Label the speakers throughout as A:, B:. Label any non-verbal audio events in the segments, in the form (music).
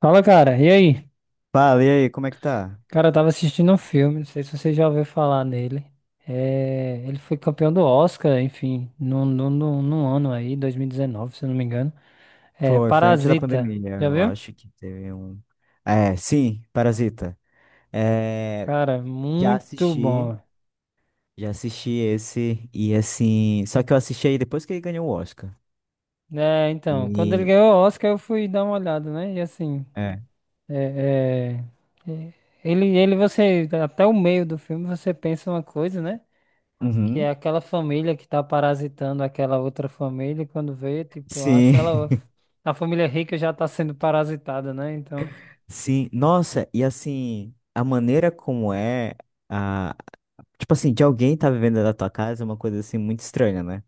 A: Fala, cara. E aí?
B: Fala, e aí, como é que tá?
A: Cara, eu tava assistindo um filme, não sei se você já ouviu falar nele. É, ele foi campeão do Oscar, enfim, num ano aí, 2019, se eu não me engano. É,
B: Foi antes da
A: Parasita.
B: pandemia,
A: Já
B: eu
A: viu?
B: acho que teve um. É, sim, Parasita. É,
A: Cara,
B: já
A: muito
B: assisti,
A: bom.
B: já assisti esse, e assim. Só que eu assisti aí depois que ele ganhou o Oscar.
A: É, então, quando ele
B: E.
A: ganhou o Oscar, eu fui dar uma olhada, né? E assim,
B: É.
A: é, é, é, você, até o meio do filme, você pensa uma coisa, né? Que é
B: Uhum.
A: aquela família que tá parasitando aquela outra família, e quando vê, tipo,
B: Sim,
A: aquela. A família rica já tá sendo parasitada, né? Então.
B: (laughs) sim. Nossa, e assim, a maneira como é. A... Tipo assim, de alguém tá vivendo da tua casa é uma coisa assim muito estranha, né?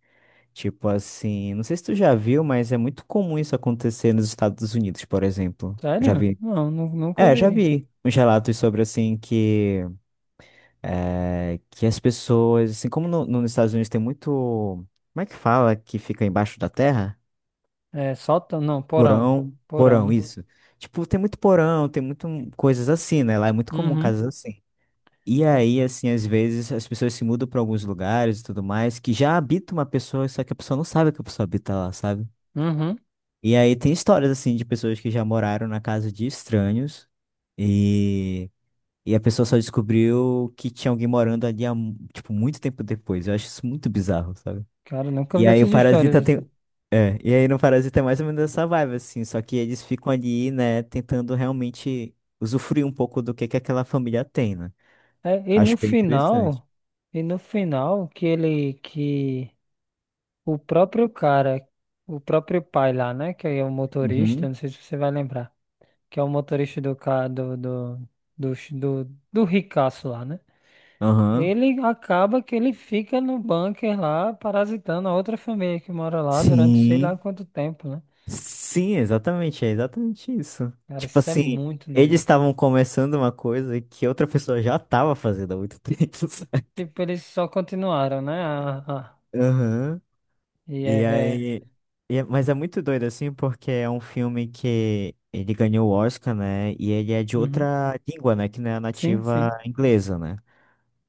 B: Tipo assim, não sei se tu já viu, mas é muito comum isso acontecer nos Estados Unidos, por exemplo. Já
A: Sério?
B: vi.
A: Não, nunca
B: É, já
A: vi.
B: vi uns relatos sobre assim que que as pessoas, assim como nos Estados Unidos tem muito, como é que fala que fica embaixo da terra?
A: É, sótão, não, porão. Porão,
B: Porão,
A: né?
B: isso. Tipo, tem muito porão, tem muito coisas assim, né? Lá é muito comum
A: Uhum.
B: casas assim. E
A: É.
B: aí, assim, às vezes as pessoas se mudam para alguns lugares e tudo mais, que já habita uma pessoa, só que a pessoa não sabe que a pessoa habita lá, sabe?
A: Uhum.
B: E aí tem histórias assim de pessoas que já moraram na casa de estranhos e, e a pessoa só descobriu que tinha alguém morando ali tipo, muito tempo depois. Eu acho isso muito bizarro, sabe?
A: Cara, nunca
B: E
A: vi
B: aí o
A: essas histórias
B: Parasita
A: assim.
B: tem. É, e aí no Parasita é mais ou menos essa vibe, assim, só que eles ficam ali, né, tentando realmente usufruir um pouco do que aquela família tem, né?
A: É,
B: Acho bem interessante.
A: e no final, que ele, que o próprio cara, o próprio pai lá, né? Que é o motorista,
B: Uhum.
A: não sei se você vai lembrar. Que é o motorista do carro do do, ricaço lá, né?
B: Aham.
A: Ele acaba que ele fica no bunker lá, parasitando a outra família que mora lá durante sei
B: Sim.
A: lá quanto tempo, né?
B: Sim, exatamente, é exatamente isso.
A: Cara,
B: Tipo
A: isso é
B: assim,
A: muito doido.
B: eles estavam começando uma coisa que outra pessoa já estava fazendo há muito (laughs) tempo. Sabe?
A: Tipo, eles só continuaram, né? Ah, ah.
B: Aham.
A: E é,
B: E
A: é...
B: aí. Mas é muito doido, assim, porque é um filme que ele ganhou o Oscar, né? E ele é de
A: Uhum.
B: outra língua, né? Que não é a
A: Sim,
B: nativa
A: sim.
B: inglesa, né?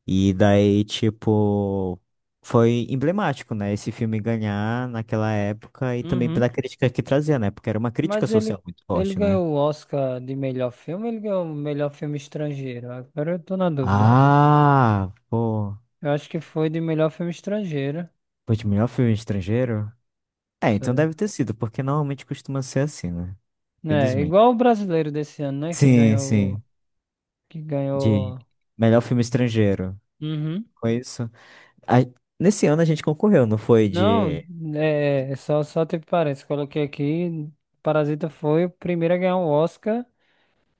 B: E daí, tipo. Foi emblemático, né? Esse filme ganhar naquela época e também
A: Uhum.
B: pela crítica que trazia, né? Porque era uma crítica
A: Mas ele,
B: social muito
A: ele
B: forte, né?
A: ganhou o Oscar de melhor filme, ele ganhou o melhor filme estrangeiro. Agora eu tô na dúvida.
B: Ah, pô.
A: Eu acho que foi de melhor filme estrangeiro.
B: Pô, de melhor filme estrangeiro? É,
A: Isso
B: então
A: é.
B: deve ter sido, porque normalmente costuma ser assim, né?
A: É,
B: Felizmente.
A: igual o brasileiro desse ano, né? Que
B: Sim,
A: ganhou.
B: sim.
A: Que
B: De
A: ganhou.
B: melhor filme estrangeiro.
A: Uhum.
B: Foi isso. A- Nesse ano a gente concorreu, não foi?
A: Não,
B: De.
A: é, só teve parênteses. Coloquei aqui. Parasita foi o primeiro a ganhar o Oscar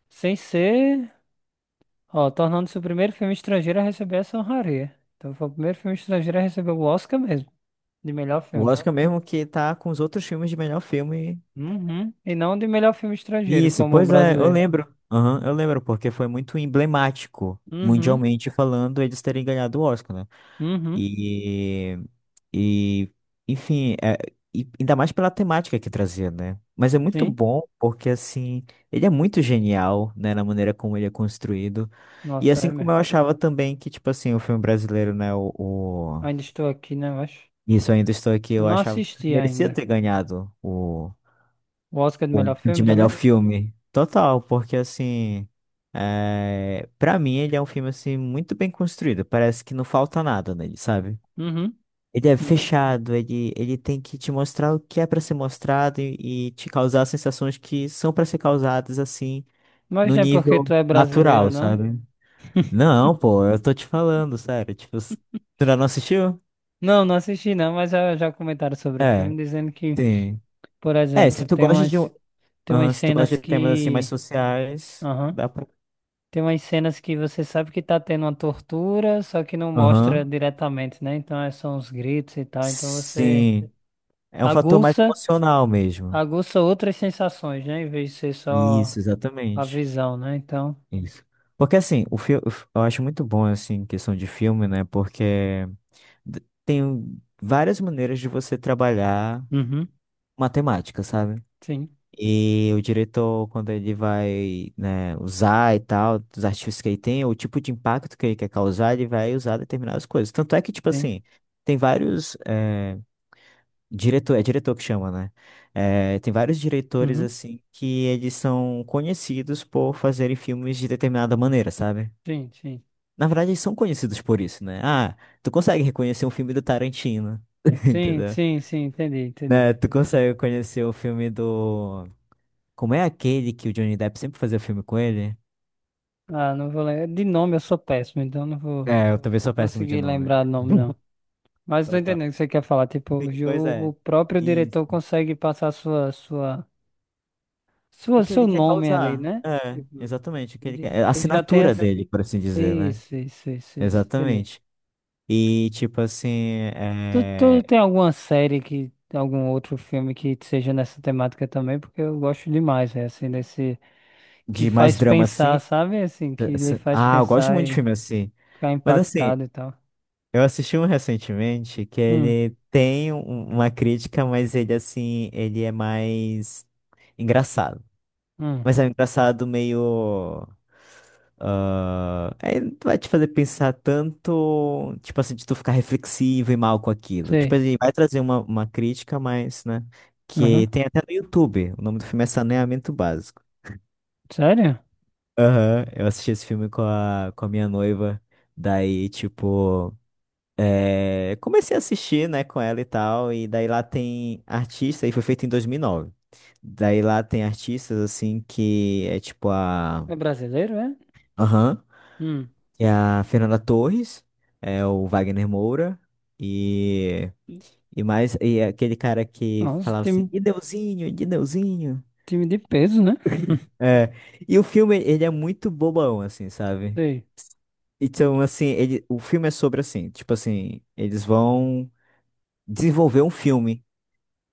A: sem ser. Ó, tornando-se o primeiro filme estrangeiro a receber essa honraria. Então foi o primeiro filme estrangeiro a receber o Oscar mesmo, de melhor
B: O
A: filme.
B: Oscar mesmo que tá com os outros filmes de melhor filme.
A: Uhum. E não de melhor filme estrangeiro,
B: Isso,
A: como o
B: pois é, eu
A: brasileiro.
B: lembro. Aham, eu lembro, porque foi muito emblemático,
A: Uhum.
B: mundialmente falando, eles terem ganhado o Oscar, né?
A: Uhum.
B: E, e enfim, é, e ainda mais pela temática que trazia, né? Mas é muito
A: Sim.
B: bom porque, assim, ele é muito genial, né, na maneira como ele é construído. E
A: Nossa,
B: assim
A: é
B: como
A: mesmo.
B: eu achava também que, tipo assim, o filme brasileiro, né,
A: Ainda estou aqui, né? Eu acho.
B: isso Ainda Estou Aqui,
A: Eu
B: eu
A: não
B: achava que
A: assisti
B: merecia
A: ainda.
B: ter ganhado
A: O Oscar de
B: o
A: melhor
B: de
A: filme
B: melhor
A: também?
B: filme. Total, porque, assim, é, pra mim ele é um filme, assim, muito bem construído. Parece que não falta nada nele, sabe?
A: Uhum,
B: Ele é
A: uhum.
B: fechado, ele tem que te mostrar o que é pra ser mostrado e te causar sensações que são pra ser causadas assim,
A: Mas
B: no
A: não é porque tu
B: nível
A: é brasileiro,
B: natural,
A: não?
B: sabe? Não, pô, eu tô te falando, sério. Tipo, tu ainda não assistiu?
A: Não, não assisti não, mas já comentaram sobre o filme,
B: É,
A: dizendo que,
B: sim.
A: por
B: É, se
A: exemplo,
B: tu gosta de um,
A: tem
B: aham,
A: umas
B: se tu gosta
A: cenas
B: de temas assim mais
A: que.
B: sociais,
A: Aham.
B: dá pra.
A: Tem umas cenas que você sabe que tá tendo uma tortura, só que não mostra
B: Aham.
A: diretamente, né? Então é só uns gritos e tal. Então você
B: Sim. É um fator mais
A: aguça,
B: emocional mesmo.
A: aguça outras sensações, né? Em vez de ser
B: Isso,
A: só a
B: exatamente.
A: visão, né? Então.
B: Isso. Porque assim, o filme eu acho muito bom assim em questão de filme, né? Porque tem várias maneiras de você trabalhar
A: Uhum.
B: matemática, sabe?
A: Sim,
B: E o diretor, quando ele vai, né, usar e tal, dos artifícios que ele tem, o tipo de impacto que ele quer causar, ele vai usar determinadas coisas. Tanto é que, tipo
A: sim.
B: assim, tem vários, diretor, é diretor que chama, né? Tem vários diretores,
A: Uhum.
B: assim, que eles são conhecidos por fazerem filmes de determinada maneira, sabe?
A: Sim, sim.
B: Na verdade, eles são conhecidos por isso, né? Ah, tu consegue reconhecer um filme do Tarantino, (laughs)
A: Sim,
B: entendeu?
A: sim, sim, entendi, entendi.
B: Né? Tu consegue conhecer o filme do... Como é aquele que o Johnny Depp sempre fazia filme com ele?
A: Ah, não vou lembrar. De nome eu sou péssimo, então não vou
B: É, eu também sou péssimo de
A: conseguir
B: nome.
A: lembrar o nome, não.
B: (laughs)
A: Mas tô
B: Tá.
A: entendendo o que você quer falar. Tipo,
B: Sim, pois
A: o
B: é.
A: próprio
B: Isso.
A: diretor consegue passar sua, sua,
B: O
A: sua,
B: que
A: seu
B: ele quer
A: nome ali,
B: causar.
A: né?
B: É,
A: Tipo,
B: exatamente. O que ele quer.
A: ele
B: É a
A: ele já tem
B: assinatura
A: essa...
B: dele, por assim dizer, né?
A: Isso, isso, isso, isso. Entendi.
B: Exatamente. E, tipo assim,
A: Tu
B: é...
A: tem alguma série que, algum outro filme que seja nessa temática também? Porque eu gosto demais, é assim, desse... Que
B: De mais
A: faz
B: drama
A: pensar,
B: assim.
A: sabe? Assim, que lhe faz
B: Ah, eu gosto
A: pensar
B: muito de filme assim.
A: ficar
B: Mas assim,
A: impactado e tal.
B: eu assisti um recentemente que
A: Hum,
B: ele tem uma crítica, mas ele assim, ele é mais engraçado.
A: hum,
B: Mas é um engraçado meio. Ah, é, vai te fazer pensar tanto, tipo assim, de tu ficar reflexivo e mal com aquilo. Tipo,
A: sei.
B: ele vai trazer uma crítica, mas, né?
A: Uhum.
B: Que tem até no YouTube. O nome do filme é Saneamento Básico.
A: Sério?
B: Aham, eu assisti esse filme com a minha noiva. Daí, tipo. É, comecei a assistir, né, com ela e tal, e daí lá tem artista, e foi feito em 2009. Daí lá tem artistas, assim, que é tipo a...
A: É brasileiro, é?
B: Aham,
A: Hum.
B: é a Fernanda Torres, é o Wagner Moura, e... E mais, e é aquele cara que
A: Nossa,
B: falava assim,
A: time,
B: e Deusinho, de Deusinho.
A: time de peso, né?
B: É, e o filme, ele é muito bobão, assim, sabe?
A: Sei.
B: Então, assim, ele, o filme é sobre, assim, tipo assim, eles vão desenvolver um filme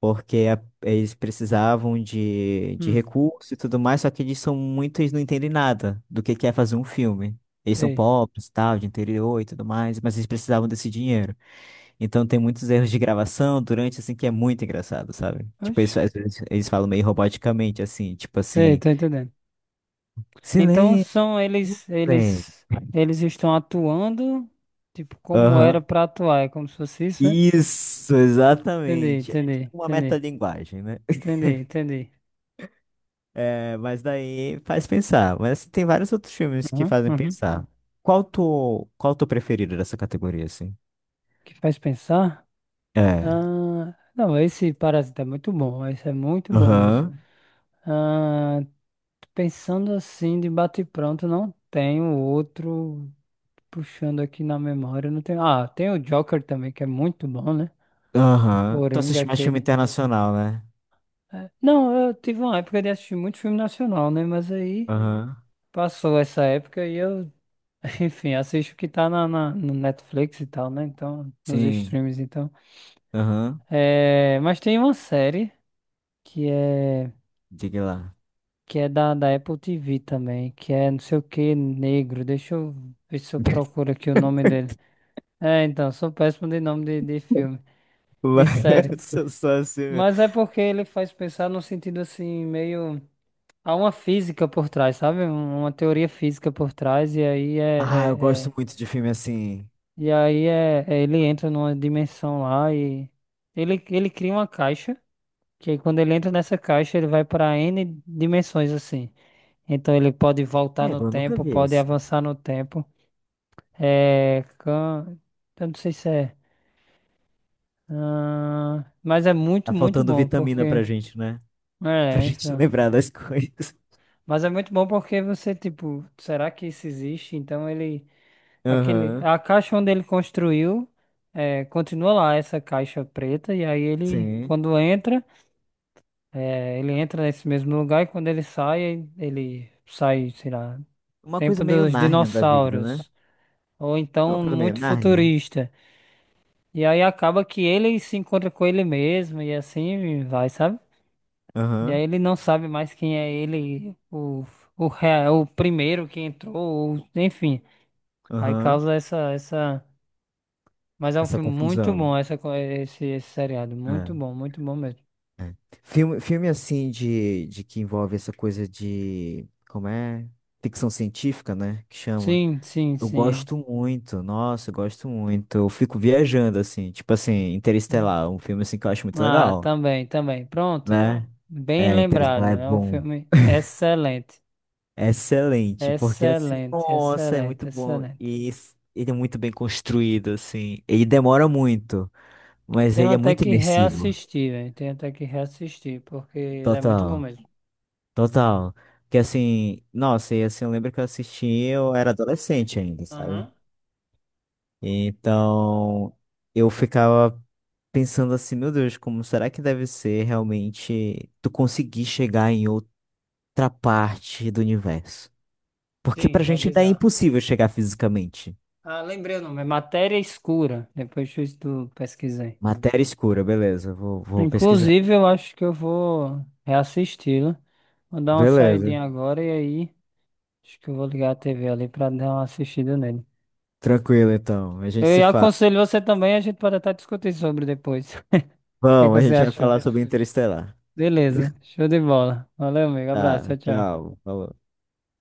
B: porque eles precisavam de
A: Hum,
B: recursos e tudo mais, só que eles são muito, eles não entendem nada do que é fazer um filme. Eles são
A: sei.
B: pobres, tal, de interior e tudo mais, mas eles precisavam desse dinheiro. Então tem muitos erros de gravação durante, assim, que é muito engraçado, sabe? Tipo,
A: Oxi.
B: eles, às vezes eles falam meio roboticamente, assim, tipo
A: Sei,
B: assim,
A: tô entendendo. Então
B: silêncio,
A: são eles,
B: silêncio."
A: eles, eles estão atuando, tipo, como era
B: Aham.
A: pra atuar, é como se fosse isso, né?
B: Isso,
A: Entendi,
B: exatamente. É tipo
A: entendi,
B: uma
A: entendi,
B: metalinguagem, né?
A: entendi, entendi.
B: É, mas daí faz pensar. Mas assim, tem vários outros filmes que
A: Uhum,
B: fazem
A: uhum.
B: pensar. Qual tu preferido dessa categoria, assim?
A: Que faz pensar?
B: É.
A: Ah, não, esse parasita é muito bom, esse é muito bom mesmo.
B: Aham.
A: Ah, pensando assim, de bate-pronto, não tenho outro puxando aqui na memória. Não tenho... Ah, tem o Joker também, que é muito bom, né? O
B: Aham. Tu
A: Coringa,
B: assiste mais filme
A: aquele.
B: internacional, né?
A: É, não, eu tive uma época de assistir muito filme nacional, né? Mas aí
B: Aham.
A: passou essa época e eu, (laughs) enfim, assisto o que tá no Netflix e tal, né? Então, nos
B: Sim.
A: streams, então.
B: Aham.
A: É... Mas tem uma série que é,
B: Diga lá.
A: que é da, da Apple TV também, que é não sei o que, negro. Deixa eu ver se eu procuro aqui o nome dele. É, então, sou péssimo de nome de
B: (laughs)
A: filme,
B: Lá,
A: de série.
B: (laughs) sou só assim. Mesmo.
A: Mas é porque ele faz pensar no sentido assim, meio. Há uma física por trás, sabe? Uma teoria física por trás, e aí
B: Ah, eu
A: é-
B: gosto
A: é-
B: muito de filme assim.
A: e aí ele entra numa dimensão lá e. Ele cria uma caixa, que aí quando ele entra nessa caixa, ele vai para N dimensões assim. Então ele pode voltar
B: É,
A: no
B: eu nunca
A: tempo,
B: vi
A: pode
B: esse.
A: avançar no tempo. É, can... Eu não sei se é. Mas é muito,
B: Tá
A: muito
B: faltando
A: bom,
B: vitamina
A: porque.
B: pra gente, né? Pra
A: É,
B: gente (laughs)
A: enfim.
B: lembrar das coisas.
A: Mas é muito bom porque você, tipo, será que isso existe? Então ele. Aquele...
B: Aham.
A: A caixa onde ele construiu continua lá, essa caixa preta, e aí ele,
B: Sim.
A: quando entra, ele entra nesse mesmo lugar e quando ele sai, sei lá,
B: Uma coisa
A: tempo
B: meio
A: dos
B: Nárnia da vida, né?
A: dinossauros, ou
B: Não,
A: então
B: aquela meio
A: muito
B: Nárnia.
A: futurista. E aí acaba que ele se encontra com ele mesmo e assim vai, sabe? E aí
B: Aham,
A: ele não sabe mais quem é ele, o primeiro que entrou, ou- enfim. Aí
B: aham.
A: causa essa, essa. Mas é um
B: Essa
A: filme muito
B: confusão.
A: bom, essa, esse, esse seriado.
B: É.
A: Muito bom mesmo.
B: Filme assim de que envolve essa coisa de, como é? Ficção científica, né? Que chama.
A: Sim, sim,
B: Eu
A: sim.
B: gosto muito, nossa, eu gosto muito. Eu fico viajando, assim, tipo assim, Interestelar, um filme assim que eu acho muito
A: Ah,
B: legal,
A: também, também. Pronto.
B: né?
A: Bem
B: É,
A: lembrado.
B: Interestelar é
A: É um
B: bom.
A: filme excelente.
B: É excelente, porque assim,
A: Excelente,
B: nossa, é muito
A: excelente,
B: bom.
A: excelente.
B: E ele é muito bem construído, assim. Ele demora muito, mas
A: Tenho
B: ele é
A: até
B: muito
A: que
B: imersivo.
A: reassistir, velho. Tenho até que reassistir, porque ele é muito bom
B: Total,
A: mesmo.
B: total. Que assim, nossa, e assim, eu lembro que eu assisti, eu era adolescente ainda, sabe?
A: Aham.
B: Então, eu ficava pensando assim, meu Deus, como será que deve ser realmente tu conseguir chegar em outra parte do universo? Porque
A: Sim,
B: pra gente ainda é
A: revisar.
B: impossível chegar fisicamente.
A: Ah, lembrei o nome. É Matéria Escura. Depois tu pesquisei.
B: Matéria escura, beleza, vou pesquisar.
A: Inclusive, eu acho que eu vou reassisti-lo. Vou dar uma
B: Beleza,
A: saidinha agora e aí acho que eu vou ligar a TV ali pra dar uma assistida nele.
B: tranquilo então, a gente se
A: Eu
B: fala.
A: aconselho você também, a gente pode até discutir sobre depois. (laughs) O que é que
B: Bom, a
A: você
B: gente vai
A: achou?
B: falar sobre Interestelar.
A: Beleza,
B: (laughs)
A: show de bola. Valeu, amigo. Abraço,
B: Tá,
A: tchau, tchau.
B: tchau, falou.